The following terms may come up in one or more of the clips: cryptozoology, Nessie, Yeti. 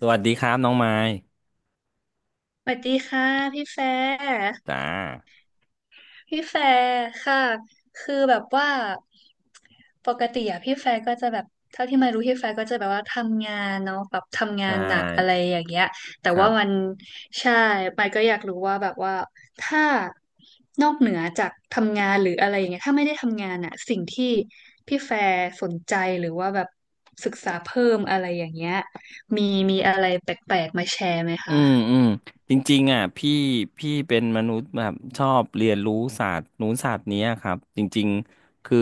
สวัสดีครับน้องไม้สวัสดีค่ะพี่แฟร์จ้าพี่แฟร์ค่ะคือแบบว่าปกติอะพี่แฟร์ก็จะแบบเท่าที่มารู้พี่แฟร์ก็จะแบบว่าทำงานเนาะแบบทำงาใช่นหนักอะไรอย่างเงี้ยแต่ครัว่ามันบใช่ไปายก็อยากรู้ว่าแบบว่าถ้านอกเหนือจากทำงานหรืออะไรอย่างเงี้ยถ้าไม่ได้ทำงานอะสิ่งที่พี่แฟร์สนใจหรือว่าแบบศึกษาเพิ่มอะไรอย่างเงี้ยมีมีอะไรแปลกๆมาแชร์ไหมอืคะมอืมจริงๆอ่ะพี่เป็นมนุษย์แบบชอบเรียนรู้ศาสตร์นู้นศาสตร์เนี้ยครับ จริงๆ คือ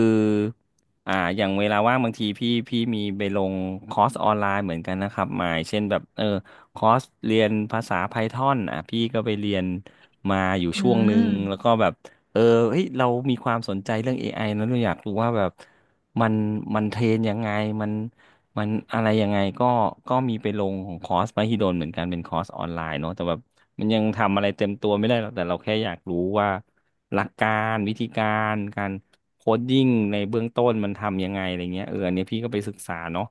อย่างเวลาว่างบางทีพี่มีไปลงคอร์สออนไลน์เหมือนกันนะครับหมายเช่นแบบคอร์สเรียนภาษา Python อนอ่ะพี่ก็ไปเรียนมาอยู่อืช่วงหนึ่งแล้วมก็แบบเออเฮ้ยเรามีความสนใจเรื่อง AI นะเราอยากรู้ว่าแบบ มันมันเทรนยังไงมัน มันอะไรยังไงก็มีไปลงของคอร์สมหิดลเหมือนกันเป็นคอร์สออนไลน์เนาะแต่แบบมันยังทำอะไรเต็มตัวไม่ได้หรอกแต่เราแค่อยากรู้ว่าหลักการวิธีการการโคดดิ้งในเบื้องต้นมันทำยังไงอะไรเงี้ยเอออันเนี้ยพี่ก็ไปศึกษาเนาะ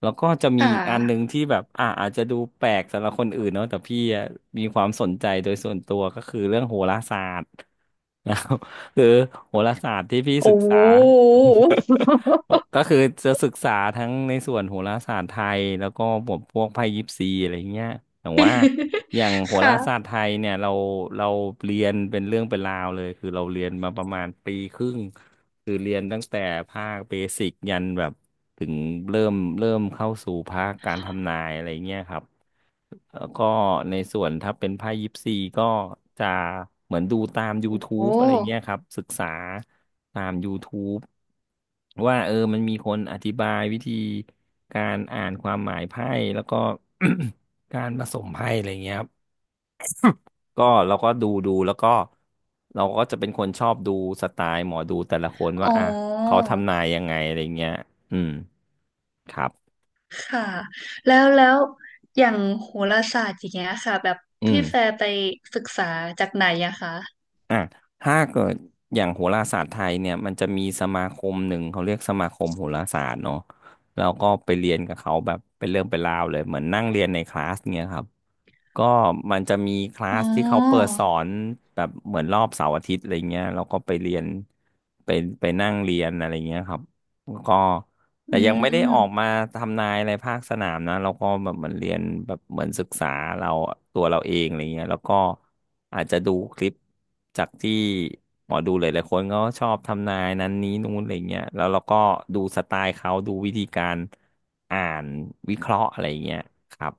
แล้วก็จะมีค่อีกอันหนึ่งะ ที่แบบอาจจะดูแปลกสำหรับคนอื่นเนาะแต่พี่อะมีความสนใจโดยส่วนตัวก็คือเรื่องโหราศาสตร์ นะครับคือโหราศาสตร์ที่พี่ศึโอ้กโห ษา โอ้ก็คือจะศึกษาทั้งในส่วนโหราศาสตร์ไทยแล้วก็บวกพวกไพ่ยิปซีอะไรเงี้ยแต่ว่าอย่าง โหราศาสตค่ะร์ไทยเนี่ยเราเรียนเป็นเรื่องเป็นราวเลยคือเราเรียนมาประมาณปีครึ่งคือเรียนตั้งแต่ภาคเบสิกยันแบบถึงเริ่มเข้าสู่ภาคการทำนายอะไรเงี้ยครับ แล้วก็ในส่วนถ้าเป็นไพ่ยิปซีก็จะเหมือนดูตาม โอ้ YouTube อะไรเงี้ยครับศึกษาตาม YouTube ว่าเออมันมีคนอธิบายวิธีการอ่านความหมายไพ่แล้วก็ การผสมไพ่อะไรเงี้ยครับก็เราก็ดูแล้วก็เราก็จะเป็นคนชอบดูสไตล์หมอดูแต่ละคนอ๋ว่าออ่ะเขาทำนายยังไงอะไรเงี้ยอืมครับค่ะแล้วอย่างโหราศาสตร์อย่างเงี้ยค่ะแบบอืพี่แฟม ร์ไปศึกษาจากไหนอะคะอ่ะถ้าเกิดอย่างโหราศาสตร์ไทยเนี่ยมันจะมีสมาคมหนึ่งเขาเรียกสมาคมโหราศาสตร์เนาะแล้วก็ไปเรียนกับเขาแบบเป็นเรื่องเป็นราวเลยเหมือนนั่งเรียนในคลาสเนี่ยครับก็มันจะมีคลาอ๋สอที่เขาเปิดสอนแบบเหมือนรอบเสาร์อาทิตย์อะไรเงี้ยเราก็ไปเรียนไปไปนั่งเรียนอะไรเงี้ยครับก็ อืแต่ยังไม่ได้ออกมามทำนายอะไรภาคสนามนะเราก็แบบเหมือนเรียนแบบเหมือนศึกษาเราตัวเราเองอะไรเงี้ยแล้วก็อาจจะดูคลิปจากที่หมอดูหลายๆคนก็ชอบทำนายนั้นนี้นู้นอะไรเงี้ยแล้วเราก็ดูสไตล์เขาดูวิธีการอ่านวิเคราะห์อะไรเงี้ยครับ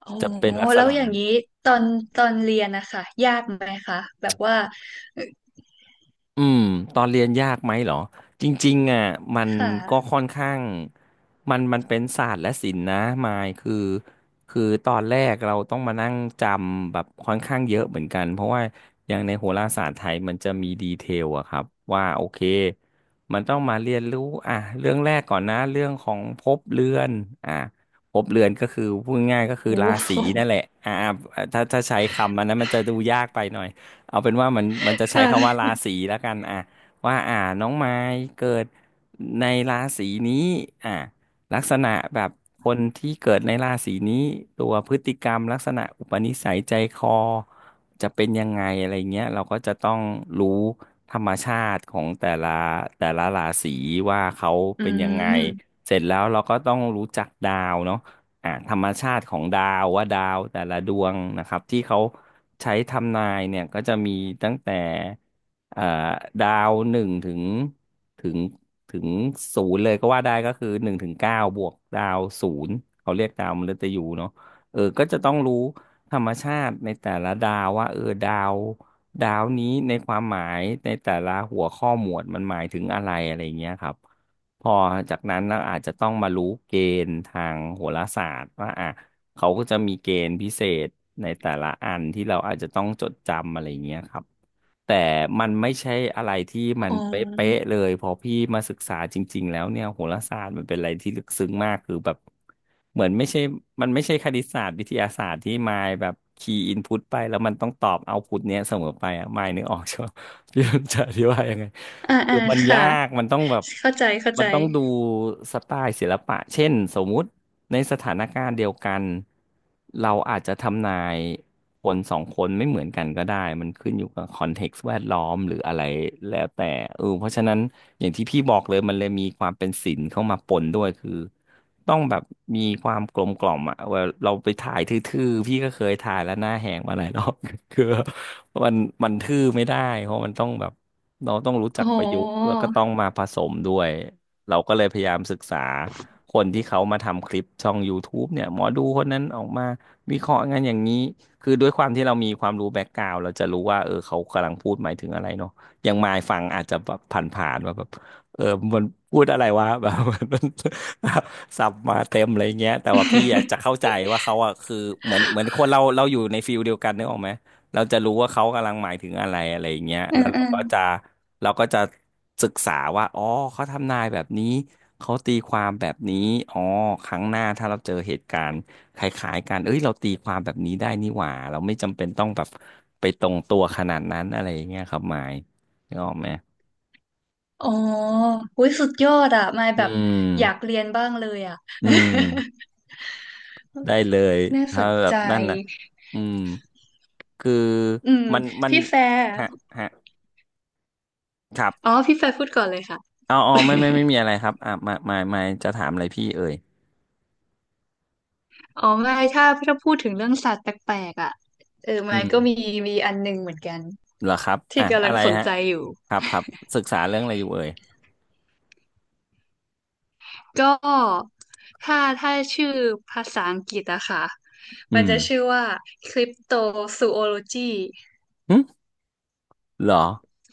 โอ้จะเป็นลักษแล้วณะอย่างนั้น นี้ตอนตอนเรียนนะคะยากไหมคะแบบว่าเอ่ออืมตอนเรียนยากไหมเหรอจริงๆอ่ะมันค่ะก็ค่อนข้างมันเป็นศาสตร์และศิลป์นะมายคือคือตอนแรกเราต้องมานั่งจำแบบค่อนข้างเยอะเหมือนกันเพราะว่าอย่างในโหราศาสตร์ไทยมันจะมีดีเทลอะครับว่าโอเคมันต้องมาเรียนรู้อ่ะเรื่องแรกก่อนนะเรื่องของภพเรือนอ่ะภพเรือนก็คือพูดง่ายๆก็คือโอ้ราศีโหนั่นแหละอ่าถ้าใช้คำอันนั้นมันจะดูยากไปหน่อย เอาเป็นว่ามันจะใช้คำว่าค่ะราศีแล้วกันอ่ะว่าอ่าน้องไม้เกิดในราศีนี้อ่ะลักษณะแบบคนที่เกิดในราศีนี้ตัวพฤติกรรมลักษณะอุปนิสัยใจคอจะเป็นยังไงอะไรเงี้ยเราก็จะต้องรู้ธรรมชาติของแต่ละราศีว่าเขาอืเป็นยังไงมเสร็จแล้วเราก็ต้องรู้จักดาวเนาะอ่าธรรมชาติของดาวว่าดาวแต่ละดวงนะครับที่เขา ใช้ทำนายเนี่ยก็จะมีตั้งแต่เอ่อดาวหนึ่งถึงถึงศูนย์เลยก็ว่าได้ก็คือหนึ่งถึงเก้าบวกดาวศูนย์เขาเรียกดาวมฤตยูเนาะเออก็จะต้องรู้ธรรมชาติในแต่ละดาวว่าเออดาวนี้ในความหมายในแต่ละหัวข้อหมวดมันหมายถึงอะไรอะไรเงี้ยครับ พอจากนั้นเราอาจจะต้องมารู้เกณฑ์ทางโหราศาสตร์ว่าอ่ะเขาก็จะมีเกณฑ์พิเศษในแต่ละอันที่เราอาจจะต้องจดจำอะไรอย่างเงี้ยครับแต่มันไม่ใช่อะไรที่อ๋มันเป๊ะอๆเลยพอพี่มาศึกษาจริงๆแล้วเนี่ยโหราศาสตร์มันเป็นอะไรที่ลึกซึ้งมากคือแบบเหมือนไม่ใช่มันไม่ใช่คณิตศาสตร์วิทยาศาสตร์ที่มายแบบคีย์อินพุตไปแล้วมันต้องตอบเอาพุตเนี้ยเสมอไปอ่ะมายนึกออกใช่ไหม พี่จะอธิบายยังไง อ่าคือ่าอมันค่ะยากมันต้องแบบเข้าใจเข้ามัใจนต้องดูสไตล์ศิลปะเช่นสมมุติในสถานการณ์เดียวกันเราอาจจะทำนายคนสองคนไม่เหมือนกันก็ได้มันขึ้นอยู่กับคอนเท็กซ์แวดล้อมหรืออะไรแล้วแต่เพราะฉะนั้นอย่างที่พี่บอกเลยมันเลยมีความเป็นศิลป์เข้ามาปนด้วยคือต้องแบบมีความกลมกล่อมอ่ะเวลาเราไปถ่ายทื่อๆพี่ก็เคยถ่ายแล้วหน้าแหงมาหลายรอบ คือมันมันทื่อไม่ได้เพราะมันต้องแบบเราต้องรู้จัอ๋อ กประยุกต์แล้วก็ต้องมาผสมด้วยเราก็เลยพยายามศึกษาคนที่เขามาทำคลิปช่อง YouTube เนี่ยหมอดูคนนั้นออกมาวิเคราะห์งานอย่างนี้คือด้วยความที่เรามีความรู้แบ็กกราวด์เราจะรู้ว่าเขากำลังพูดหมายถึงอะไรเนาะอย่างมายฟังอาจจะแบบผ่านๆว่าแบบเออมันพูดอะไรวะ แบบมัน สับมาเต็มอะไรเงี้ยแต่ว่าพี่อะจะเข้าใจว่าเขาอะคือเหมือนคนเราเราอยู่ในฟิลเดียวกันนึกออกไหม เราจะรู้ว่าเขากำลังหมายถึงอะไรอะไรอย่างเงี้ยอืแล้มวเราอืมก็จะเราก็จะศึกษาว่าอ๋อเขาทำนายแบบนี้เขาตีความแบบนี้อ๋อครั้งหน้าถ้าเราเจอเหตุการณ์คล้ายๆกันเอ้ยเราตีความแบบนี้ได้นี่หว่าเราไม่จำเป็นต้องแบบไปตรงตัวขนาดนั้นอะไรอย่างเงี้ยครับหมายนึกออกไหมอ๋ออุ้ยสุดยอดอ่ะมายอืแบบอยากมเรียนบ้างเลยอ่ะ อืมได้เลย น่าสถ้านแบบใจนั่นนะอืมคืออืมมันพี่แฟร์ฮะฮะครัอ๋อบ พี่แฟร์พูดก่อนเลยค่ะ เอาอ๋อไม่ ไม่ไม่มีอะไรครับอ่ะมาจะถามอะไรพี่เอ่ยอ๋อไม่ถ้าพูดถึงเรื่องสัตว์แปลกๆอ่ะเอออืมายมก็มีมีอันหนึงเหมือนกันเหรอครับที่อ่ะกำลัอะงไรสนฮะใจอยู่ครับครับศึกษาเรื่องอะไรอยู่เอ่ยก็ถ้าชื่อภาษาอังกฤษอะค่ะอืมันมจะชื่อว่าคริปโตซูโอโลจีหึเหรอ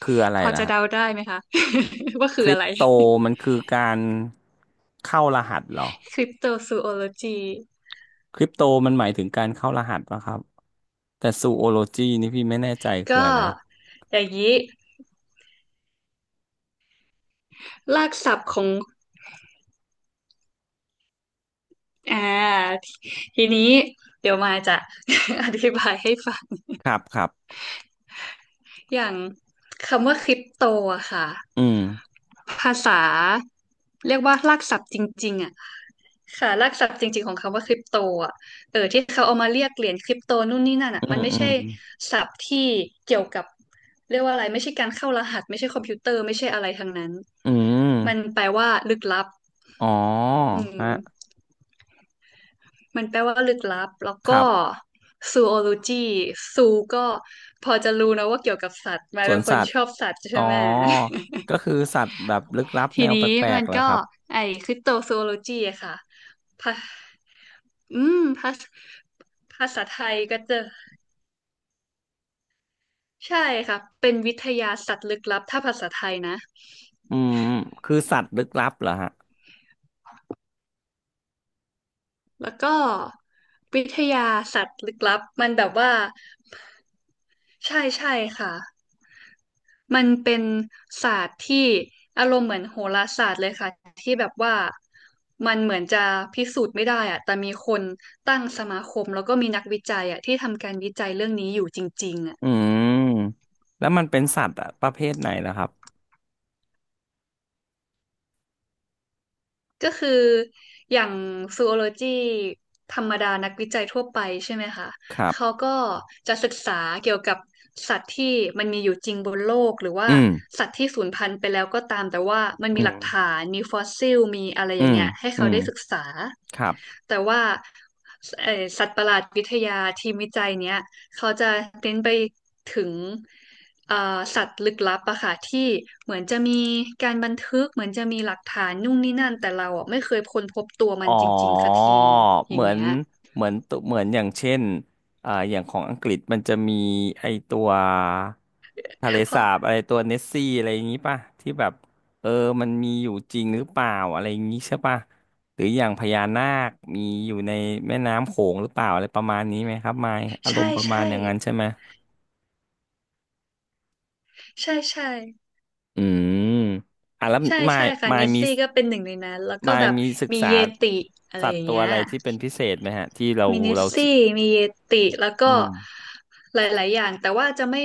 คืออะไรพอล่ะจะฮะเดาได้ไหมคะ ว่าคืคอริอะปไร โตมันคือการเข้ารหัสเหรอคริปโตซูโอโลจีคริปโตมันหมายถึงการเข้ารหัสปะครับแต่ซูโอโลจีนี่พี่ไม่แน่ใจคือก็อะไรอย่างนี้รากศัพท์ของอ่าทีนี้เดี๋ยวมายจะ อธิบายให้ฟังครับครับอย่างคำว่าคริปโตอะค่ะอืมภาษาเรียกว่ารากศัพท์จริงๆอะค่ะรากศัพท์จริงๆของคำว่าคริปโตอะเออที่เขาเอามาเรียกเหรียญคริปโตนู่นนี่นั่นอะอืมันมไม่อืมใช่ศัพท์ที่เกี่ยวกับเรียกว่าอะไรไม่ใช่การเข้ารหัสไม่ใช่คอมพิวเตอร์ไม่ใช่อะไรทั้งนั้นอืมันมแปลว่าลึกลับ อ๋ออืมฮะมันแปลว่าลึกลับแล้วครัก็บซูโอโลจีซูก็พอจะรู้นะว่าเกี่ยวกับสัตว์มาสยวเป็นนคสันตว์ ชอบสัตว์อ๋ใช่อไหม ก็คือสัตว์แบบลึกลับ ทีแนวนี้แปลกมันๆเหรอก็ครับไอ้คริปโตซูโอโลจีอะค่ะภาอืมภาษาไทยก็จะใช่ค่ะเป็นวิทยาสัตว์ลึกลับถ้าภาษาไทยนะอืมคือสัตว์ลึกลับเหรอฮะแล้วก็วิทยาสัตว์ลึกลับมันแบบว่าใช่ใช่ค่ะ มันเป็นศาสตร์ที่อารมณ์เหมือนโหราศาสตร์เลยค่ะที่แบบว่ามันเหมือนจะพิสูจน์ไม่ได้อะแต่มีคนตั้งสมาคมแล้วก็มีนักวิจัยอะที่ทำการวิจัยเรื่องนี้อยู่จริงๆอะ อืมแล้วมันเป็นสัตว์อะประเภทไหนล่ะครับก็คืออย่างซูโอโลจีธรรมดานักวิจัยทั่วไปใช่ไหมคะครัเขาบก็จะศึกษาเกี่ยวกับสัตว์ที่มันมีอยู่จริงบนโลกหรือว่าอืมสัตว์ที่สูญพันธุ์ไปแล้วก็ตามแต่ว่ามันอืมีหลักมฐานมีฟอสซิลมีอะไรออืย่างมเงี้ยให้อืเขามได้ศึกษาครับ แต่ว่าสัตว์ประหลาดวิทยาทีมวิจัยเนี้ย เขาจะเน้นไปถึงเอ่อสัตว์ลึกลับอะค่ะที่เหมือนจะมีการบันทึกเหมือนจะมีหลักฐานนู่นนี่นั่นแต่เราอะไม่เคยค้นพบตัวมัอ๋นอจริงๆสักทีอเหย่ามืงอนเงี้ยเหมือนตัวเหมือนอย่างเช่นอย่างของอังกฤษมันจะมีไอตัวทะเลสาบอะไรตัวเนสซี่อะไรอย่างนี้ป่ะที่แบบเออมันมีอยู่จริงหรือเปล่าอะไรอย่างนี้ใช่ป่ะหรืออย่างพญานาคมีอยู่ในแม่น้ำโขงหรือเปล่าอะไรประมาณนี้ไหมครับมายอารใช่มณ์ประมาณใช่อย่างนั้นใช่ไหมใช่ใช่อืมอ่ะแล้วใช่มาใช่ยค่ะมาเนยสมีซี่ก็เป็นหนึ่งในนั้นแล้วก็มายแบบมีศึกมีษาเยติอะไรสัอตย่าว์งตัวเงี้ยอะไรที่เป็นพิเศษไหมฮะที่เรามีเนสเราซี่มีเยติแล้วอืก็ม หลายๆอย่างแต่ว่าจะไม่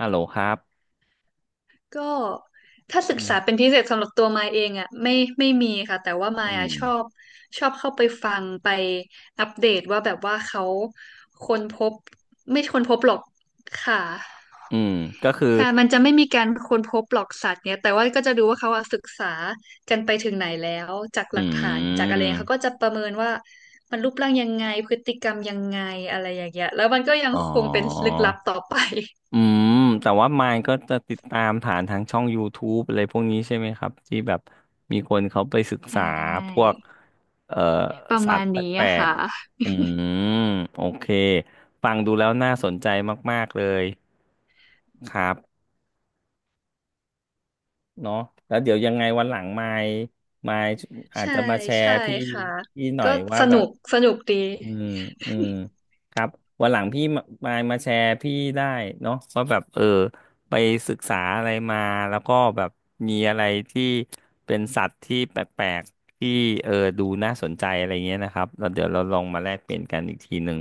ฮัลโหลครับก็ถ้าศึอืกษาเป็มนพิเศษสำหรับตัวมายเองอ่ะไม่ไม่มีค่ะแต่ว่ามายอือะม ชอบชอบเข้าไปฟังไปอัปเดตว่าแบบว่าเขาค้นพบไม่ค้นพบหรอกค่ะอืม ก็คือค่ะมันจะไม่มีการค้นพบหรอกสัตว์เนี่ยแต่ว่าก็จะดูว่าเขาอะศึกษากันไปถึงไหนแล้วจากอืหลักฐานจากอะไรเขาก็มจะประเมินว่ามันรูปร่างยังไงพฤติกรรมยังไงอะไรอย่างเงี้ยแล้วมันก็ยังอ๋อคงเป็นลึกลับต่อไปอืมแต่ว่ามายก็จะติดตามฐานทางช่อง YouTube อะไรพวกนี้ใช่ไหมครับที่แบบมีคนเขาไปศึกใชษาพว่กเอ่อประสัตมาณว์แปนี้ลอะกค่ะ ๆอืมโอเคฟังดูแล้วน่าสนใจมากๆเลยครับเนาะแล้วเดี๋ยวยังไงวันหลังมายอาจใช่จะมาแชร์ใช่พี่ค่ะพี่หน่อก็ยว่าสแบนุบ กสนุกดีอืมอืมครับวันหลังพี่มาแชร์พี่ได้เนาะว่าแบบไปศึกษาอะไรมาแล้วก็แบบมีอะไรที่เป็นสัตว์ที่แปลกๆที่เออดูน่าสนใจอะไรเงี้ยนะครับแล้วเดี๋ยวเราลองมาแลกเปลี่ยนกันอีกทีหนึ่ง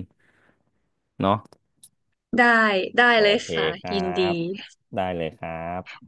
เนาะได้ได้โอเลยเคค่ะครัยินดีบได้เลยครับ